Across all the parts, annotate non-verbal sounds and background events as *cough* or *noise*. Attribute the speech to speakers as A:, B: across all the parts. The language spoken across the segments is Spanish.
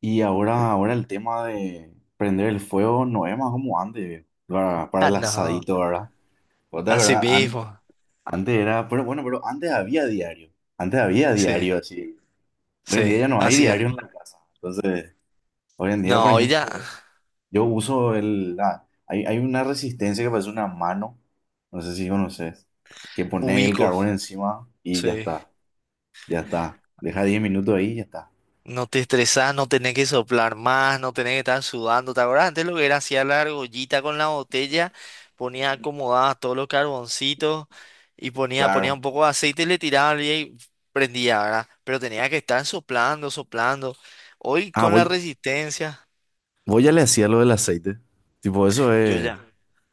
A: Y ahora el tema de prender el fuego no es más como antes, para
B: Ah,
A: el
B: no,
A: asadito, ¿verdad? Otra
B: así
A: verdad,
B: mismo.
A: antes era, pero bueno, pero antes había
B: Sí,
A: diario así. Hoy en
B: sí,
A: día ya no hay
B: así
A: diario
B: ya.
A: en la casa. Entonces, hoy en día, por
B: No, hoy ya
A: ejemplo, yo uso hay una resistencia que parece una mano, no sé si conoces, que pone el
B: ubico.
A: carbón encima y ya
B: Sí.
A: está, ya está. Deja 10 minutos ahí y ya está.
B: No te estresás, no tenés que soplar más, no tenés que estar sudando. ¿Te acuerdas antes lo que era? Hacía la argollita con la botella, ponía acomodadas todos los carboncitos y ponía un
A: Claro.
B: poco de aceite y le tiraba y prendía, ¿verdad? Pero tenía que estar soplando, soplando. Hoy
A: Ah,
B: con la
A: voy
B: resistencia,
A: Vos ya le hacía lo del aceite. Tipo, eso
B: yo
A: es.
B: ya.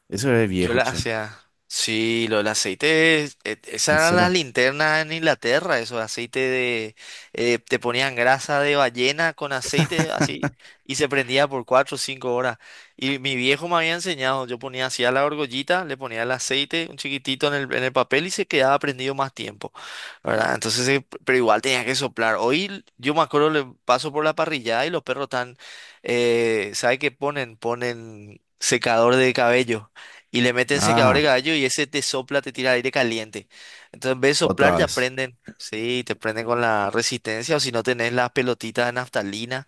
A: Eso es
B: Yo
A: viejo,
B: la, o
A: che.
B: sea, sí, los aceites, esas
A: ¿En
B: eran las
A: serio?
B: linternas en Inglaterra, esos aceite de, te ponían grasa de ballena con aceite así y se prendía por 4 o 5 horas. Y mi viejo me había enseñado, yo ponía así a la argollita, le ponía el aceite un chiquitito en el papel y se quedaba prendido más tiempo, ¿verdad? Entonces, pero igual tenía que soplar. Hoy yo me acuerdo, le paso por la parrillada y los perros están, ¿sabe qué ponen? Ponen secador de cabello. Y le meten secador
A: Ah,
B: de cabello y ese te sopla, te tira aire caliente. Entonces, en vez de soplar,
A: otra
B: ya
A: vez.
B: prenden. Sí, te prenden con la resistencia o si no tenés las pelotitas de naftalina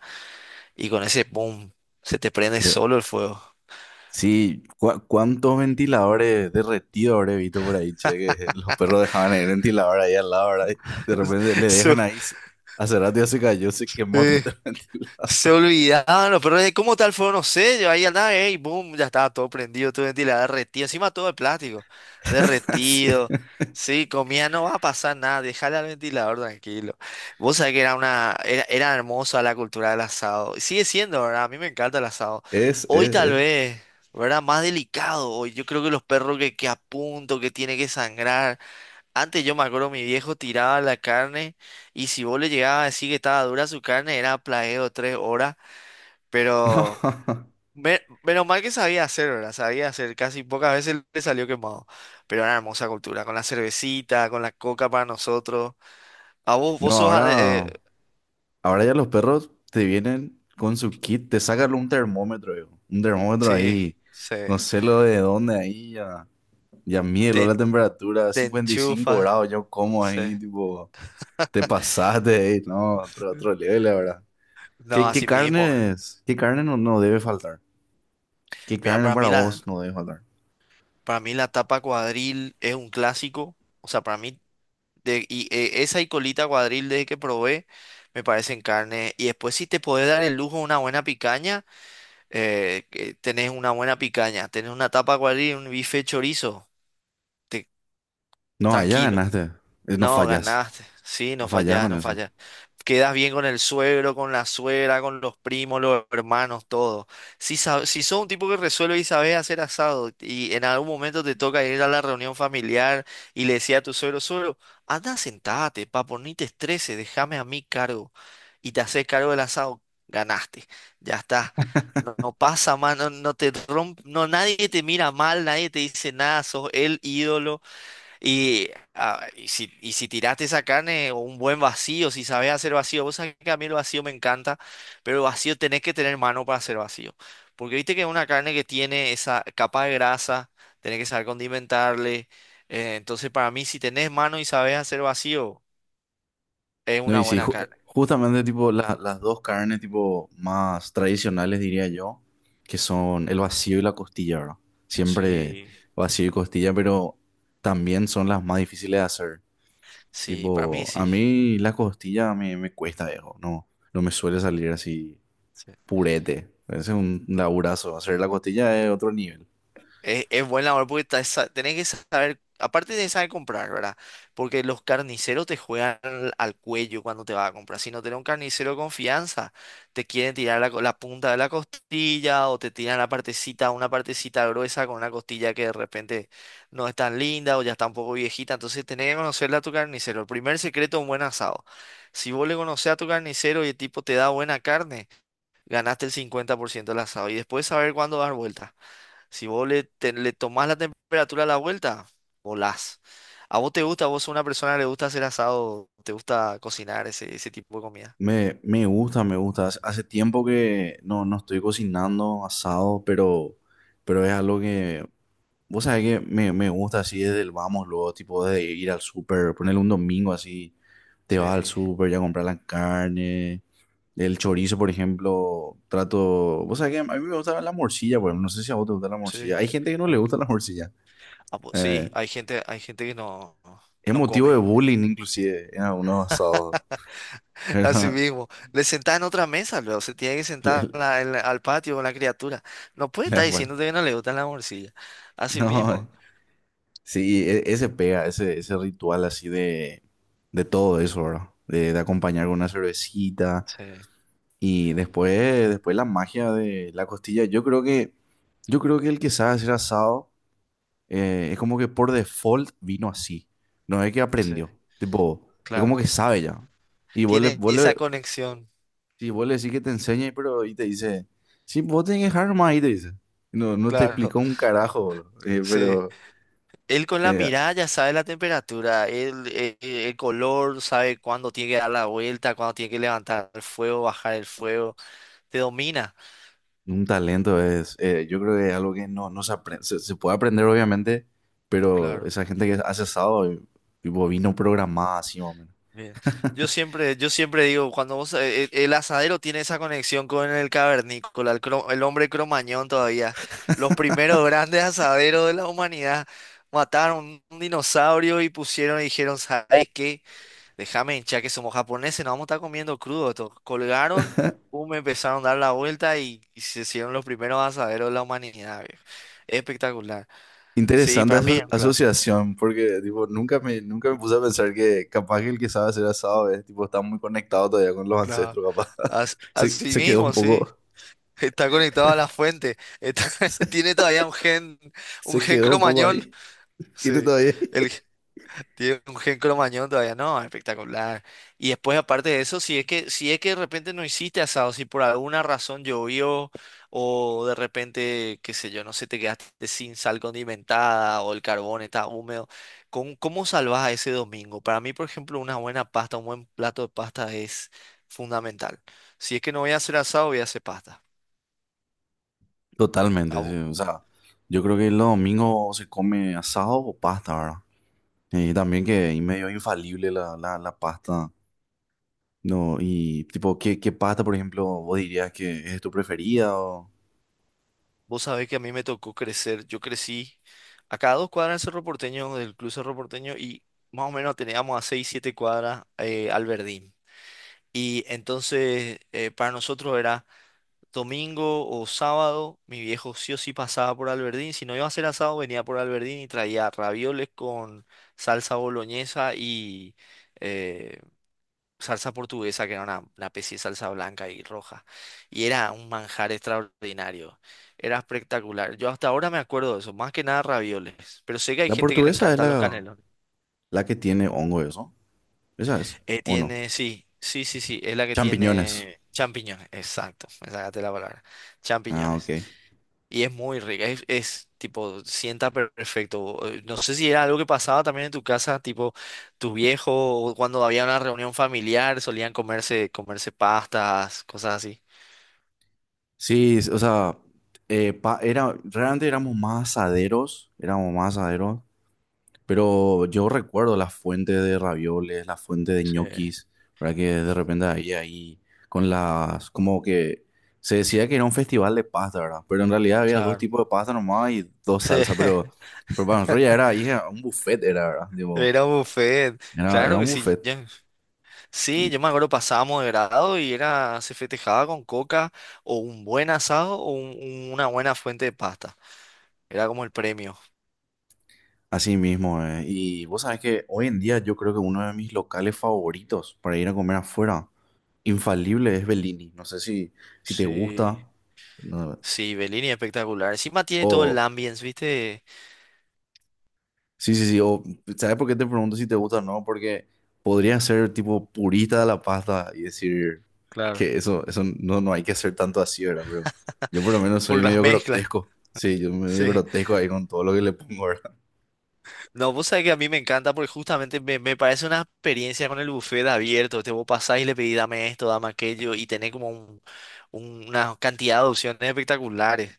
B: y con ese boom, se te prende
A: Ve-
B: solo el fuego.
A: Sí, ¿cuántos ventiladores derretidos habré visto por ahí, che? Que *laughs* los perros dejaban el ventilador ahí al lado, ¿verdad? Y de repente le dejan
B: *laughs*
A: ahí. Hace rato ya se cayó, se quemó *laughs* todo el
B: Eso, se
A: ventilador.
B: olvidaban los perros de cómo tal fueron los sellos. Ahí andaba, y boom, ya estaba todo prendido, todo ventilado, derretido. Encima todo de plástico,
A: *laughs* Sí.
B: derretido. Sí, comía, no va a pasar nada, déjale al ventilador tranquilo. Vos sabés que era una, era, era hermosa la cultura del asado. Y sigue siendo, ¿verdad? A mí me encanta el asado.
A: Es,
B: Hoy
A: es,
B: tal
A: es.
B: vez, ¿verdad? Más delicado. Hoy yo creo que los perros que a punto, que tiene que sangrar. Antes yo me acuerdo, mi viejo tiraba la carne y si vos le llegabas a decir que estaba dura su carne, era plagueo 3 horas,
A: *laughs*
B: pero
A: No.
B: menos mal que sabía hacer, ¿verdad? Sabía hacer, casi pocas veces le salió quemado, pero una hermosa cultura, con la cervecita, con la coca para nosotros. A vos, vos
A: No,
B: sos...
A: ahora. Ahora ya los perros te vienen con su kit, te sacan un termómetro, viejo. Un termómetro
B: sí,
A: ahí,
B: sí,
A: no sé lo de dónde ahí, ya, mieló
B: te,
A: la temperatura,
B: te
A: 55
B: enchufas,
A: grados, yo como
B: sí.
A: ahí, tipo, te pasaste, *laughs* ahí, no, otro level, la verdad.
B: No,
A: ¿Qué
B: así mismo.
A: carnes, qué carne no debe faltar? ¿Qué
B: Mira,
A: carne para vos no debe faltar?
B: para mí la tapa cuadril es un clásico. O sea, para mí de, y esa y colita cuadril de que probé me parecen carne. Y después si te podés dar el lujo de una buena picaña, que tenés una buena picaña. Tenés una tapa cuadril un bife chorizo. te-
A: No, allá
B: Tranquilo.
A: ganaste, no
B: No,
A: fallas,
B: ganaste. Sí,
A: no
B: no
A: fallas
B: fallás,
A: con
B: no
A: eso.
B: fallás. Quedas bien con el suegro, con la suegra, con los primos, los hermanos, todo. Si, si sos un tipo que resuelve y sabes hacer asado y en algún momento te toca ir a la reunión familiar y le decía a tu suegro, suegro, anda, sentate, papo, ni te estreses, déjame a mí cargo. Y te haces cargo del asado, ganaste. Ya está. No, no pasa más, no, no te romp, no, nadie te mira mal, nadie te dice nada, sos el ídolo. Y, ah, y si tiraste esa carne, o un buen vacío, si sabes hacer vacío, vos sabés que a mí el vacío me encanta, pero el vacío tenés que tener mano para hacer vacío. Porque viste que es una carne que tiene esa capa de grasa, tenés que saber condimentarle. Entonces, para mí, si tenés mano y sabes hacer vacío, es
A: No,
B: una
A: y sí,
B: buena carne.
A: justamente tipo las dos carnes tipo más tradicionales diría yo, que son el vacío y la costilla, ¿verdad? Siempre
B: Sí,
A: vacío y costilla, pero también son las más difíciles de hacer.
B: sí, para mí
A: Tipo, a
B: sí.
A: mí la costilla me, me cuesta, viejo, no, me suele salir así purete. Ese es un laburazo, hacer la costilla es otro nivel.
B: Es buen labor porque tenés que saber, aparte de saber comprar, ¿verdad? Porque los carniceros te juegan al, al cuello cuando te vas a comprar. Si no tenés un carnicero de confianza, te quieren tirar la, la punta de la costilla o te tiran la partecita, una partecita gruesa con una costilla que de repente no es tan linda o ya está un poco viejita. Entonces tenés que conocerle a tu carnicero. El primer secreto es un buen asado. Si vos le conocés a tu carnicero y el tipo te da buena carne, ganaste el 50% del asado. Y después saber cuándo dar vuelta. Si vos le, le tomás la temperatura a la vuelta, volás. ¿A vos te gusta? ¿Vos sos una persona que le gusta hacer asado? ¿Te gusta cocinar ese, ese tipo de comida?
A: Me gusta, me gusta. Hace tiempo que no estoy cocinando asado, pero es algo que vos sabés que me gusta así desde el vamos, luego, tipo de ir al súper, ponerle un domingo así, te
B: Sí,
A: vas al súper ya a comprar la carne, el chorizo, por ejemplo, trato, vos sabés que a mí me gusta la morcilla, por ejemplo, no sé si a vos te gusta la
B: sí.
A: morcilla, hay gente que no
B: Me-
A: le
B: enc-
A: gusta la morcilla,
B: Ah, pues sí,
A: eh,
B: hay gente que no,
A: es
B: no
A: motivo de
B: come.
A: bullying inclusive en algunos asados,
B: *laughs* Así
A: pero
B: mismo.
A: *laughs*
B: Le sentás en otra mesa, luego se tiene que
A: le-
B: sentar
A: le-
B: en la- al patio con la criatura. No puede
A: le
B: estar
A: acuerdo.
B: diciéndote que no le gustan las morcillas. Así
A: No,
B: mismo.
A: sí, ese pega, ese ritual así de todo eso, ¿verdad? De acompañar con una cervecita.
B: Sí,
A: Y después, después la magia de la costilla, yo creo que el que sabe hacer asado es como que por default vino así. No es que
B: sí,
A: aprendió. Tipo, es
B: claro.
A: como que sabe ya. Y
B: Tiene esa conexión,
A: sí, vos le decís que te enseñe, pero y te dice, sí, vos tenés que dejar más ahí, te dice. no, te
B: claro.
A: explicó un
B: *laughs*
A: carajo, boludo.
B: Sí. Él con la
A: Eh,
B: mirada ya sabe la temperatura, él, el color, sabe cuándo tiene que dar la vuelta, cuándo tiene que levantar el fuego, bajar el fuego, te domina.
A: Un talento es, yo creo que es algo que no, se aprende, se puede aprender obviamente, pero
B: Claro.
A: esa gente que hace asado, y- tipo vino programada así más o menos.
B: Bien. Yo siempre digo, cuando vos, el asadero tiene esa conexión con el cavernícola, el, el hombre cromañón todavía, los primeros
A: *laughs*
B: grandes asaderos de la humanidad mataron un dinosaurio y pusieron y dijeron, ¿sabes qué? Déjame, ya que somos japoneses, nos vamos a estar comiendo crudo. Esto. Colgaron, me empezaron a dar la vuelta y se hicieron los primeros asaderos de la humanidad, viejo. Espectacular. Sí,
A: Interesante
B: para mí es
A: aso-
B: un clásico.
A: asociación, porque tipo, nunca me puse a pensar que capaz que el que sabe hacer asado es, tipo, está muy conectado todavía con los
B: Claro.
A: ancestros, capaz. *laughs* Se,
B: Así
A: se quedó un
B: mismo, sí.
A: poco,
B: Está conectado a la
A: *laughs*
B: fuente. Está- *laughs*
A: se,
B: tiene todavía un
A: se
B: gen
A: quedó un poco
B: cromañón.
A: ahí. *laughs* Tiene
B: Sí.
A: todavía ahí.
B: El, tiene un gen cromañón todavía, no, espectacular. Y después, aparte de eso, si es que, si es que de repente no hiciste asado, si por alguna razón llovió, o de repente, qué sé yo, no sé, te quedaste sin sal condimentada, o el carbón está húmedo, ¿cómo, cómo salvás a ese domingo? Para mí, por ejemplo, una buena pasta, un buen plato de pasta es fundamental. Si es que no voy a hacer asado, voy a hacer pasta.
A: Totalmente, sí. O sea, yo creo que los domingos se come asado o pasta, ¿verdad? Y también que es medio infalible la pasta. No, y tipo, ¿qué pasta, por ejemplo, vos dirías que es tu preferida? O...
B: Vos sabés que a mí me tocó crecer. Yo crecí acá a dos cuadras del Cerro Porteño, del Club Cerro Porteño, y más o menos teníamos a seis, siete cuadras al Verdín. Y entonces para nosotros era domingo o sábado, mi viejo sí o sí pasaba por Alberdín. Si no iba a ser asado, venía por Alberdín y traía ravioles con salsa boloñesa y eh, salsa portuguesa, que era una especie de salsa blanca y roja. Y era un manjar extraordinario. Era espectacular. Yo hasta ahora me acuerdo de eso, más que nada ravioles. Pero sé que hay
A: La
B: gente que le
A: portuguesa es
B: encantan los
A: la,
B: canelones.
A: la que tiene hongo, eso. Esa es, ¿o no?
B: Tiene, sí, sí, sí, sí, es la que
A: Champiñones.
B: tiene champiñones. Exacto, me sacaste la palabra.
A: Ah, ok.
B: Champiñones. Y es muy rica, es, tipo, sienta perfecto. No sé si era algo que pasaba también en tu casa, tipo, tus viejos, o cuando había una reunión familiar, solían comerse, comerse pastas, cosas así.
A: Sí, o sea, era, realmente éramos más asaderos, éramos más asaderos. Pero yo recuerdo las fuentes de ravioles, las fuentes de
B: Sí,
A: ñoquis, ¿verdad? Que de repente ahí, ahí, con las, como que se decía que era un festival de pasta, ¿verdad? Pero en realidad había dos
B: claro.
A: tipos de pasta nomás y dos
B: Sí,
A: salsas,
B: *laughs*
A: pero para nosotros ya era, ahí era un buffet, era, ¿verdad? Digo,
B: era un buffet.
A: era,
B: Claro que
A: un
B: sí.
A: buffet
B: ya- Sí,
A: y
B: yo me acuerdo, pasábamos de grado y era, se festejaba con coca o un buen asado o un- una buena fuente de pasta. Era como el premio.
A: así mismo, eh. Y vos sabés que hoy en día yo creo que uno de mis locales favoritos para ir a comer afuera, infalible, es Bellini. No sé si, te
B: Sí,
A: gusta, no,
B: sí, Bellini es espectacular. Encima tiene todo
A: o...
B: el ambience, ¿viste?
A: Sí, sí, sí. O, ¿sabes por qué te pregunto si te gusta o no? Porque podría ser tipo purista de la pasta y decir
B: Claro.
A: que eso, no hay que hacer tanto así, ¿verdad? Pero yo por lo menos soy
B: Por las
A: medio
B: mezclas. *laughs*
A: grotesco. Sí, yo medio
B: Sí.
A: grotesco ahí con todo lo que le pongo, ¿verdad?
B: No, vos sabés que a mí me encanta porque justamente me, me parece una experiencia con el buffet abierto. Te vos pasás y le pedís dame esto, dame aquello y tenés como un- una cantidad de opciones espectaculares.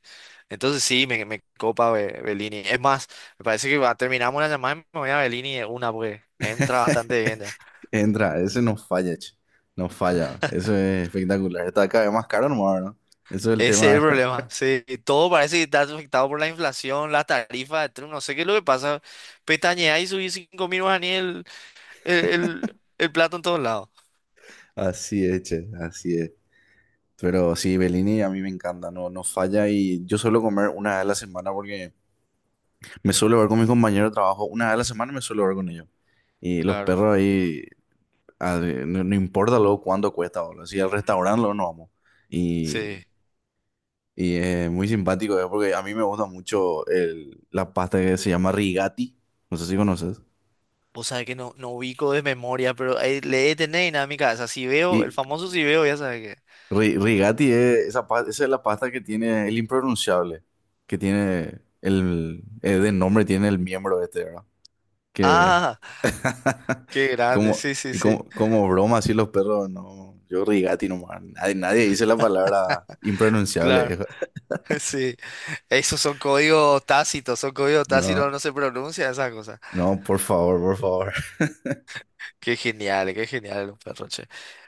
B: Entonces sí, me copa Bellini. Es más, me parece que va- terminamos la llamada y me voy a Bellini de una porque entra bastante
A: *laughs*
B: bien ya.
A: Entra, ese no falla, che. No falla. Eso es espectacular. Está cada vez más caro nomás, ¿no? Eso es el
B: Ese
A: tema,
B: es el
A: ¿verdad?
B: problema.
A: *laughs*
B: Sí, todo parece que está afectado por la inflación, las tarifas de Trump. No sé qué es lo que pasa. Pestañeás y subís 5.000 guaraníes el, el plato en todos lados.
A: Así es, che, así es. Pero sí, Bellini a mí me encanta, no, no falla y yo suelo comer una vez a la semana porque... Me suelo ver con mis compañeros de trabajo, una vez a la semana me suelo ver con ellos. Y los
B: Claro.
A: perros ahí, a ver, no, no importa luego cuánto cuesta, boludo. Si al restaurante luego nos vamos. Y,
B: Sí.
A: y es muy simpático, porque a mí me gusta mucho el- la pasta que se llama rigati. No sé si conoces.
B: O sea que no, no ubico de memoria, pero ahí le he tener en mi cabeza. Si veo, el
A: Y
B: famoso si veo, ya sabes que.
A: rigati es esa, esa es la pasta que tiene el impronunciable, que tiene el, de nombre tiene el miembro este, ¿verdad? Que
B: Ah,
A: *laughs*
B: qué grande,
A: como,
B: sí, sí,
A: y
B: sí,
A: como, como broma, así los perros, no. Yo rigati nomás. Nadie, nadie dice la palabra
B: claro,
A: impronunciable. *laughs*
B: *laughs* sí. Esos son códigos tácitos,
A: No,
B: no se pronuncia esa cosa.
A: no, por favor, por favor. *laughs*
B: Qué genial, un perro, che.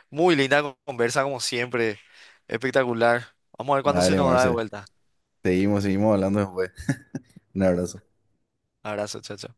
B: Muy linda conversa como siempre, espectacular. Vamos a ver cuándo se
A: Dale,
B: nos da de
A: Marce.
B: vuelta.
A: Seguimos hablando después. Un abrazo.
B: Abrazo, chacho.